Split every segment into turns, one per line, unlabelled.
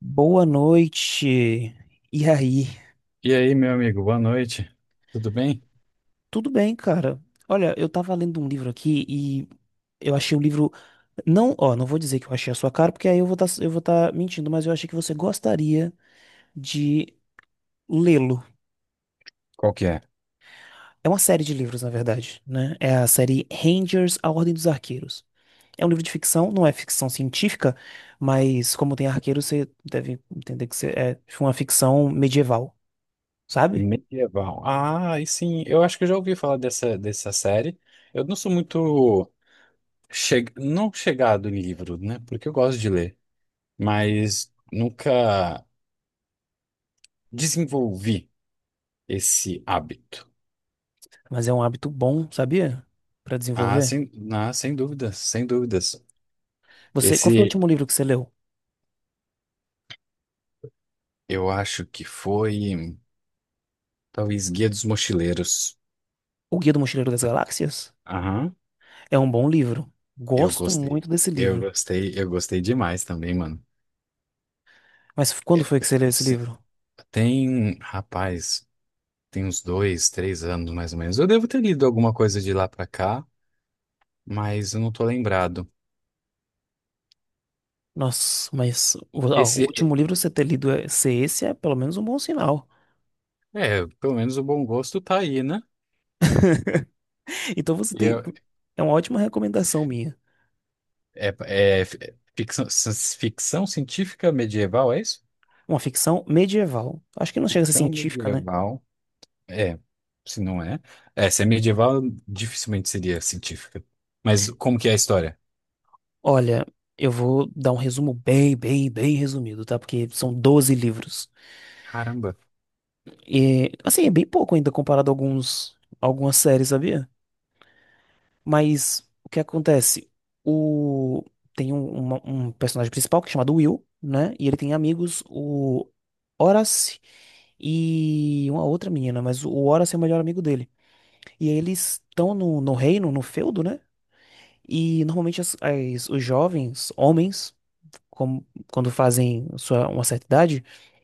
Boa noite. E aí?
E aí, meu amigo, boa noite. Tudo bem?
Tudo bem, cara? Olha, eu tava lendo um livro aqui e eu achei um livro não, ó, não vou dizer que eu achei a sua cara, porque aí eu vou tá mentindo, mas eu achei que você gostaria de lê-lo.
Qual que é?
É uma série de livros, na verdade, né? É a série Rangers, A Ordem dos Arqueiros. É um livro de ficção, não é ficção científica, mas como tem arqueiro, você deve entender que é uma ficção medieval, sabe?
Medieval. Ah, e sim, eu acho que eu já ouvi falar dessa série. Eu não sou muito não chegado em livro, né? Porque eu gosto de ler, mas nunca desenvolvi esse hábito.
Mas é um hábito bom, sabia? Pra desenvolver.
Sem dúvidas, sem dúvidas.
Você, qual
Esse
foi o último livro que você leu?
eu acho que foi talvez Guia dos Mochileiros.
O Guia do Mochileiro das Galáxias?
Aham,
É um bom livro.
eu
Gosto
gostei.
muito desse
Eu
livro.
gostei, eu gostei demais também, mano.
Mas quando foi que você leu esse livro?
Tem, rapaz, tem uns 2, 3 anos mais ou menos. Eu devo ter lido alguma coisa de lá pra cá, mas eu não tô lembrado.
Nossa, mas o ó, o
Esse,
último livro você ter lido ser esse é pelo menos um bom sinal.
é, pelo menos o bom gosto tá aí, né?
Então você
E
tem.
eu-
É uma ótima recomendação minha.
é ficção, ficção científica medieval, é isso?
Uma ficção medieval. Acho que não chega a ser
Ficção
científica, né?
medieval, é, se não é. É, se é medieval, dificilmente seria científica. Mas como que é a história?
Olha, eu vou dar um resumo bem, bem, bem resumido, tá? Porque são 12 livros.
Caramba.
E, assim, é bem pouco ainda comparado a algumas séries, sabia? Mas o que acontece? O... Tem um personagem principal que é chamado Will, né? E ele tem amigos, o Horace e uma outra menina, mas o Horace é o melhor amigo dele. E aí eles estão no reino, no feudo, né? E normalmente os jovens, homens, como- quando fazem uma certa idade,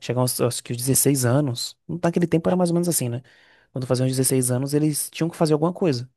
chegam aos, aos que os 16 anos. Não tá. Naquele tempo era mais ou menos assim, né? Quando faziam os 16 anos, eles tinham que fazer alguma coisa.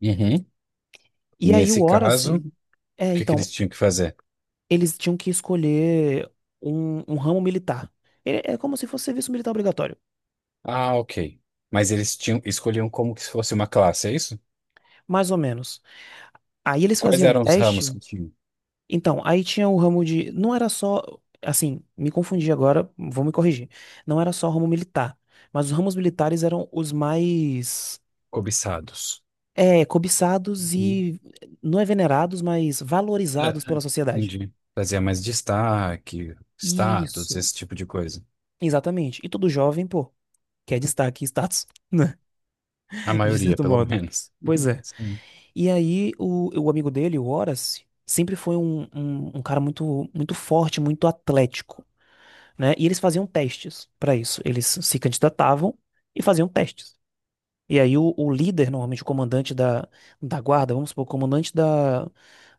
Uhum.
E
E
aí o
nesse
Horace.
caso, o
É,
que que
então,
eles tinham que fazer?
eles tinham que escolher um ramo militar. É como se fosse serviço militar obrigatório,
Ah, ok. Mas eles tinham, escolhiam como que se fosse uma classe, é isso?
mais ou menos. Aí eles
Quais
faziam
eram os ramos
teste.
que tinham
Então, aí tinha o ramo de. Não era só. Assim, me confundi agora, vou me corrigir. Não era só ramo militar, mas os ramos militares eram os mais.
cobiçados?
É, cobiçados
Uhum.
e não é venerados, mas
É,
valorizados pela sociedade.
entendi. Fazia mais destaque, status,
Isso,
esse tipo de coisa.
exatamente. E todo jovem, pô, quer destaque e status, né?
A
De
maioria,
certo
pelo
modo.
menos.
Pois é.
Sim.
E aí o amigo dele, o Horace, sempre foi um cara muito, muito forte, muito atlético, né? E eles faziam testes para isso. Eles se candidatavam e faziam testes. E aí o líder, normalmente o comandante da guarda, vamos supor, o comandante da,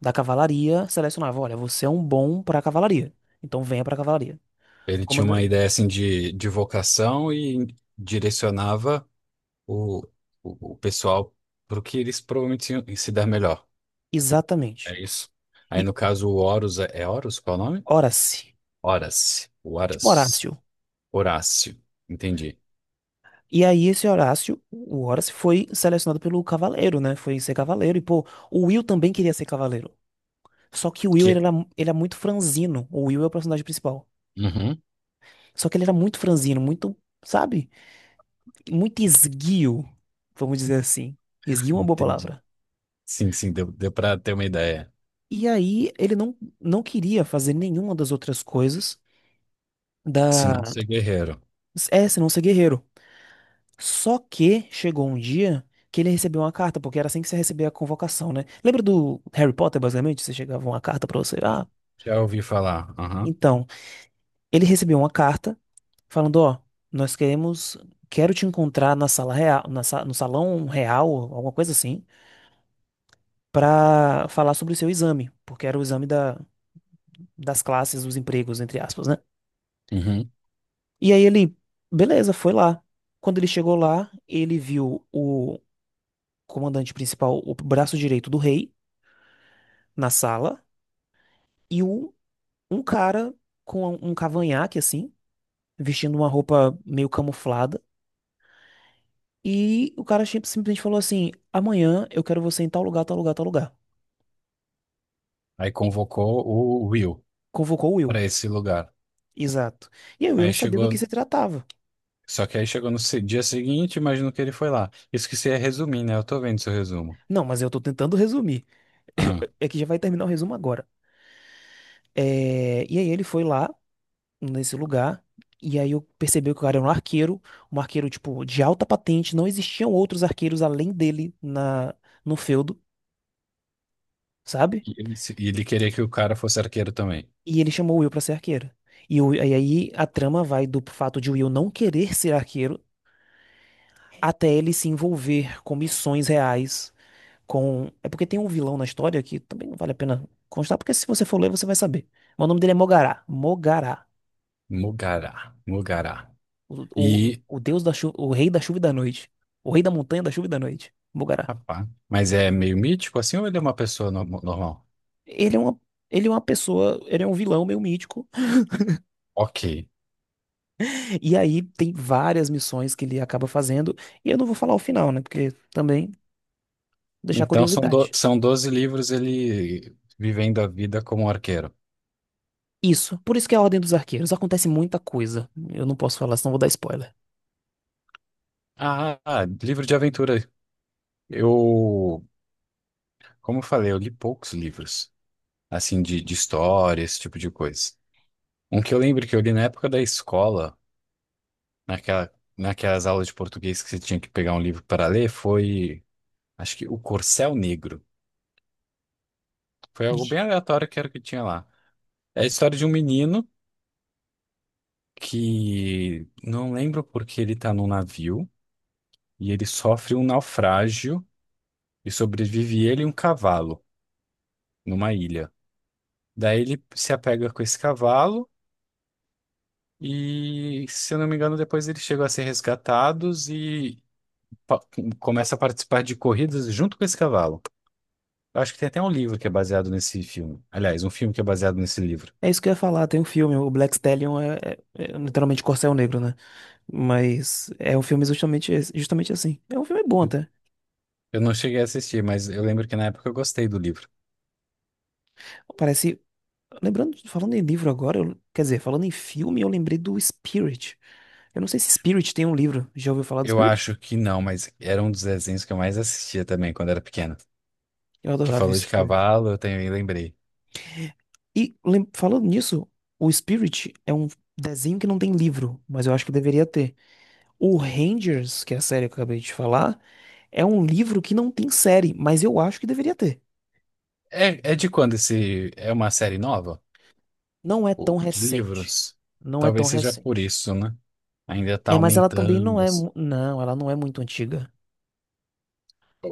da cavalaria, selecionava, olha, você é um bom para a cavalaria, então venha para a cavalaria.
Ele tinha
Comanda...
uma ideia assim de vocação e direcionava o, o pessoal para o que eles provavelmente iam se dar melhor.
Exatamente.
É isso. Aí
E
no caso o Horus, é Horus? Qual é o nome?
Horace,
Horas. O
tipo
Horas.
Horácio.
Horácio, entendi.
E aí esse Horácio, o Horácio foi selecionado pelo Cavaleiro, né? Foi ser Cavaleiro. E, pô, o Will também queria ser Cavaleiro. Só que o Will, ele
Que...
era, ele é muito franzino. O Will é o personagem principal.
Uhum,
Só que ele era muito franzino, muito, sabe? Muito esguio, vamos dizer assim. Esguio é uma boa
entendi.
palavra.
Sim, sim, deu para ter uma ideia.
E aí ele não queria fazer nenhuma das outras coisas.
Se não
da...
ser guerreiro.
É, senão ser guerreiro. Só que chegou um dia que ele recebeu uma carta, porque era assim que você recebia a convocação, né? Lembra do Harry Potter, basicamente? Você chegava uma carta pra você. Ah,
Já ouvi falar. Aham.
então, ele recebeu uma carta falando, ó, nós queremos, quero te encontrar na sala real, no salão real, alguma coisa assim, pra falar sobre o seu exame, porque era o exame das classes, dos empregos, entre aspas, né?
Uhum.
E aí ele, beleza, foi lá. Quando ele chegou lá, ele viu o comandante principal, o braço direito do rei, na sala. E um cara com um cavanhaque, assim, vestindo uma roupa meio camuflada. E o cara simplesmente falou assim: amanhã eu quero você em tal lugar, tal lugar, tal lugar.
Aí convocou o Will
Convocou o Will.
para esse lugar.
Exato. E aí, eu
Aí
não sabia do
chegou.
que se tratava.
Só que aí chegou no dia seguinte, imagino que ele foi lá. Isso que você ia resumir, né? Eu tô vendo seu resumo.
Não, mas eu tô tentando resumir.
Ah,
É que já vai terminar o resumo agora. É, e aí ele foi lá, nesse lugar, e aí eu percebi que o cara era um arqueiro, tipo, de alta patente, não existiam outros arqueiros além dele no feudo, sabe?
e ele, se- e ele queria que o cara fosse arqueiro também.
E ele chamou o Will pra ser arqueiro. E, e aí a trama vai do fato de o Will não querer ser arqueiro até ele se envolver com missões reais. É porque tem um vilão na história que também não vale a pena constar, porque se você for ler, você vai saber. Mas o nome dele é Mogará. Mogará.
Mugará, Mugará.
O, o,
E,
o deus da chuva, o rei da chuva e da noite. O rei da montanha da chuva e da noite. Mogará.
rapaz, mas é meio mítico assim ou ele é uma pessoa normal?
Ele é uma, ele é uma pessoa, ele é um vilão meio mítico.
Ok.
E aí tem várias missões que ele acaba fazendo. E eu não vou falar o final, né? Porque também deixar
Então são, do,
curiosidade.
são 12 livros ele vivendo a vida como arqueiro.
Isso. Por isso que é a Ordem dos Arqueiros. Acontece muita coisa. Eu não posso falar, senão vou dar spoiler.
Ah, livro de aventura. Eu, como eu falei, eu li poucos livros, assim, de história, esse tipo de coisa. Um que eu lembro que eu li na época da escola, naquela, naquelas aulas de português que você tinha que pegar um livro para ler, foi, acho que O Corcel Negro. Foi algo
De-
bem aleatório que era o que tinha lá. É a história de um menino que não lembro porque ele tá num navio e ele sofre um naufrágio e sobrevive ele e um cavalo numa ilha. Daí ele se apega com esse cavalo e, se eu não me engano, depois eles chegam a ser resgatados e pa- começa a participar de corridas junto com esse cavalo. Eu acho que tem até um livro que é baseado nesse filme. Aliás, um filme que é baseado nesse livro.
É isso que eu ia falar. Tem um filme, o Black Stallion é literalmente Corcel Negro, né? Mas é um filme justamente, justamente assim. É um filme bom até.
Eu não cheguei a assistir, mas eu lembro que na época eu gostei do livro.
Parece. Lembrando, falando em livro agora, quer dizer, falando em filme, eu lembrei do Spirit. Eu não sei se Spirit tem um livro. Já ouviu falar do
Eu
Spirit?
acho que não, mas era um dos desenhos que eu mais assistia também quando era pequeno.
Eu
Que
adorava o
falou de
Spirit.
cavalo, eu também lembrei.
Falando nisso, o Spirit é um desenho que não tem livro, mas eu acho que deveria ter. O Rangers, que é a série que eu acabei de falar, é um livro que não tem série, mas eu acho que deveria ter.
É de quando esse. É uma série nova?
Não é tão
Pô, de
recente.
livros.
Não é tão
Talvez seja por
recente.
isso, né? Ainda está
É, mas ela também não
aumentando
é.
assim.
Não, ela não é muito antiga.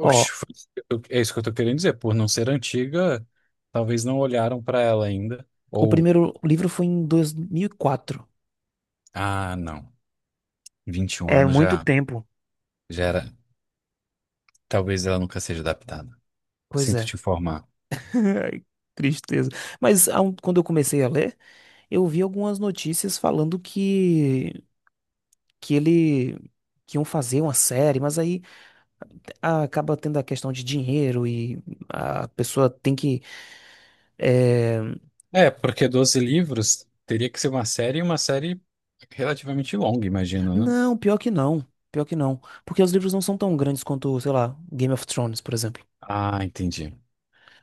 Ó,
é isso que eu estou querendo dizer. Por não ser antiga, talvez não olharam para ela ainda.
o
Ou,
primeiro livro foi em 2004.
ah, não. 21
É
anos
muito
já,
tempo.
já era. Talvez ela nunca seja adaptada.
Pois
Sinto
é.
te informar.
Ai, tristeza. Mas quando eu comecei a ler, eu vi algumas notícias falando que ele. Que iam fazer uma série, mas aí, acaba tendo a questão de dinheiro e a pessoa tem que. eh,
É, porque 12 livros teria que ser uma série, e uma série relativamente longa, imagino, né?
Não, pior que não. Pior que não. Porque os livros não são tão grandes quanto, sei lá, Game of Thrones, por exemplo.
Ah, entendi.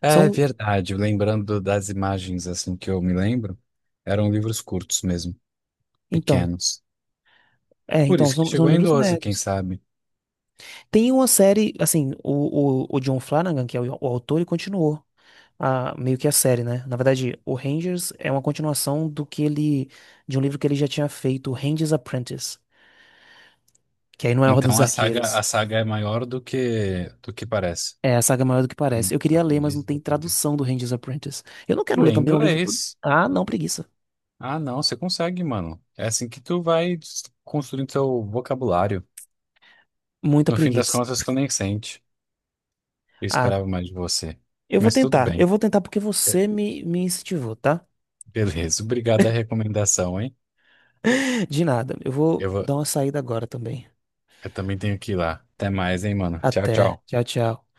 É
São.
verdade. Lembrando das imagens assim que eu me lembro, eram livros curtos mesmo,
Então.
pequenos.
É,
Por
então,
isso que
são
chegou em
livros
12, quem
médios.
sabe?
Tem uma série, assim, o John Flanagan, que é o autor, ele continuou a, meio que a série, né? Na verdade, o Rangers é uma continuação do que ele, de um livro que ele já tinha feito, Ranger's Apprentice, que aí não é a Ordem dos
Então a saga, a
Arqueiros.
saga é maior do que parece.
É, a saga é maior do que parece. Eu queria ler, mas não
Aprendiz do
tem
aprendiz.
tradução do Ranger's Apprentice. Eu não quero ler
Lê
também um livro todo.
inglês.
Ah, não, preguiça.
Ah, não, você consegue, mano. É assim que tu vai construindo seu vocabulário.
Muita
No fim das
preguiça.
contas, tu nem sente. Eu
Ah,
esperava mais de você.
eu vou
Mas tudo
tentar. Eu
bem.
vou tentar porque você
É.
me incentivou, tá?
Beleza, obrigado a recomendação, hein?
De nada. Eu vou
Eu vou,
dar uma saída agora também.
eu também tenho que ir lá. Até mais, hein, mano. Tchau,
Até.
tchau.
Tchau, tchau.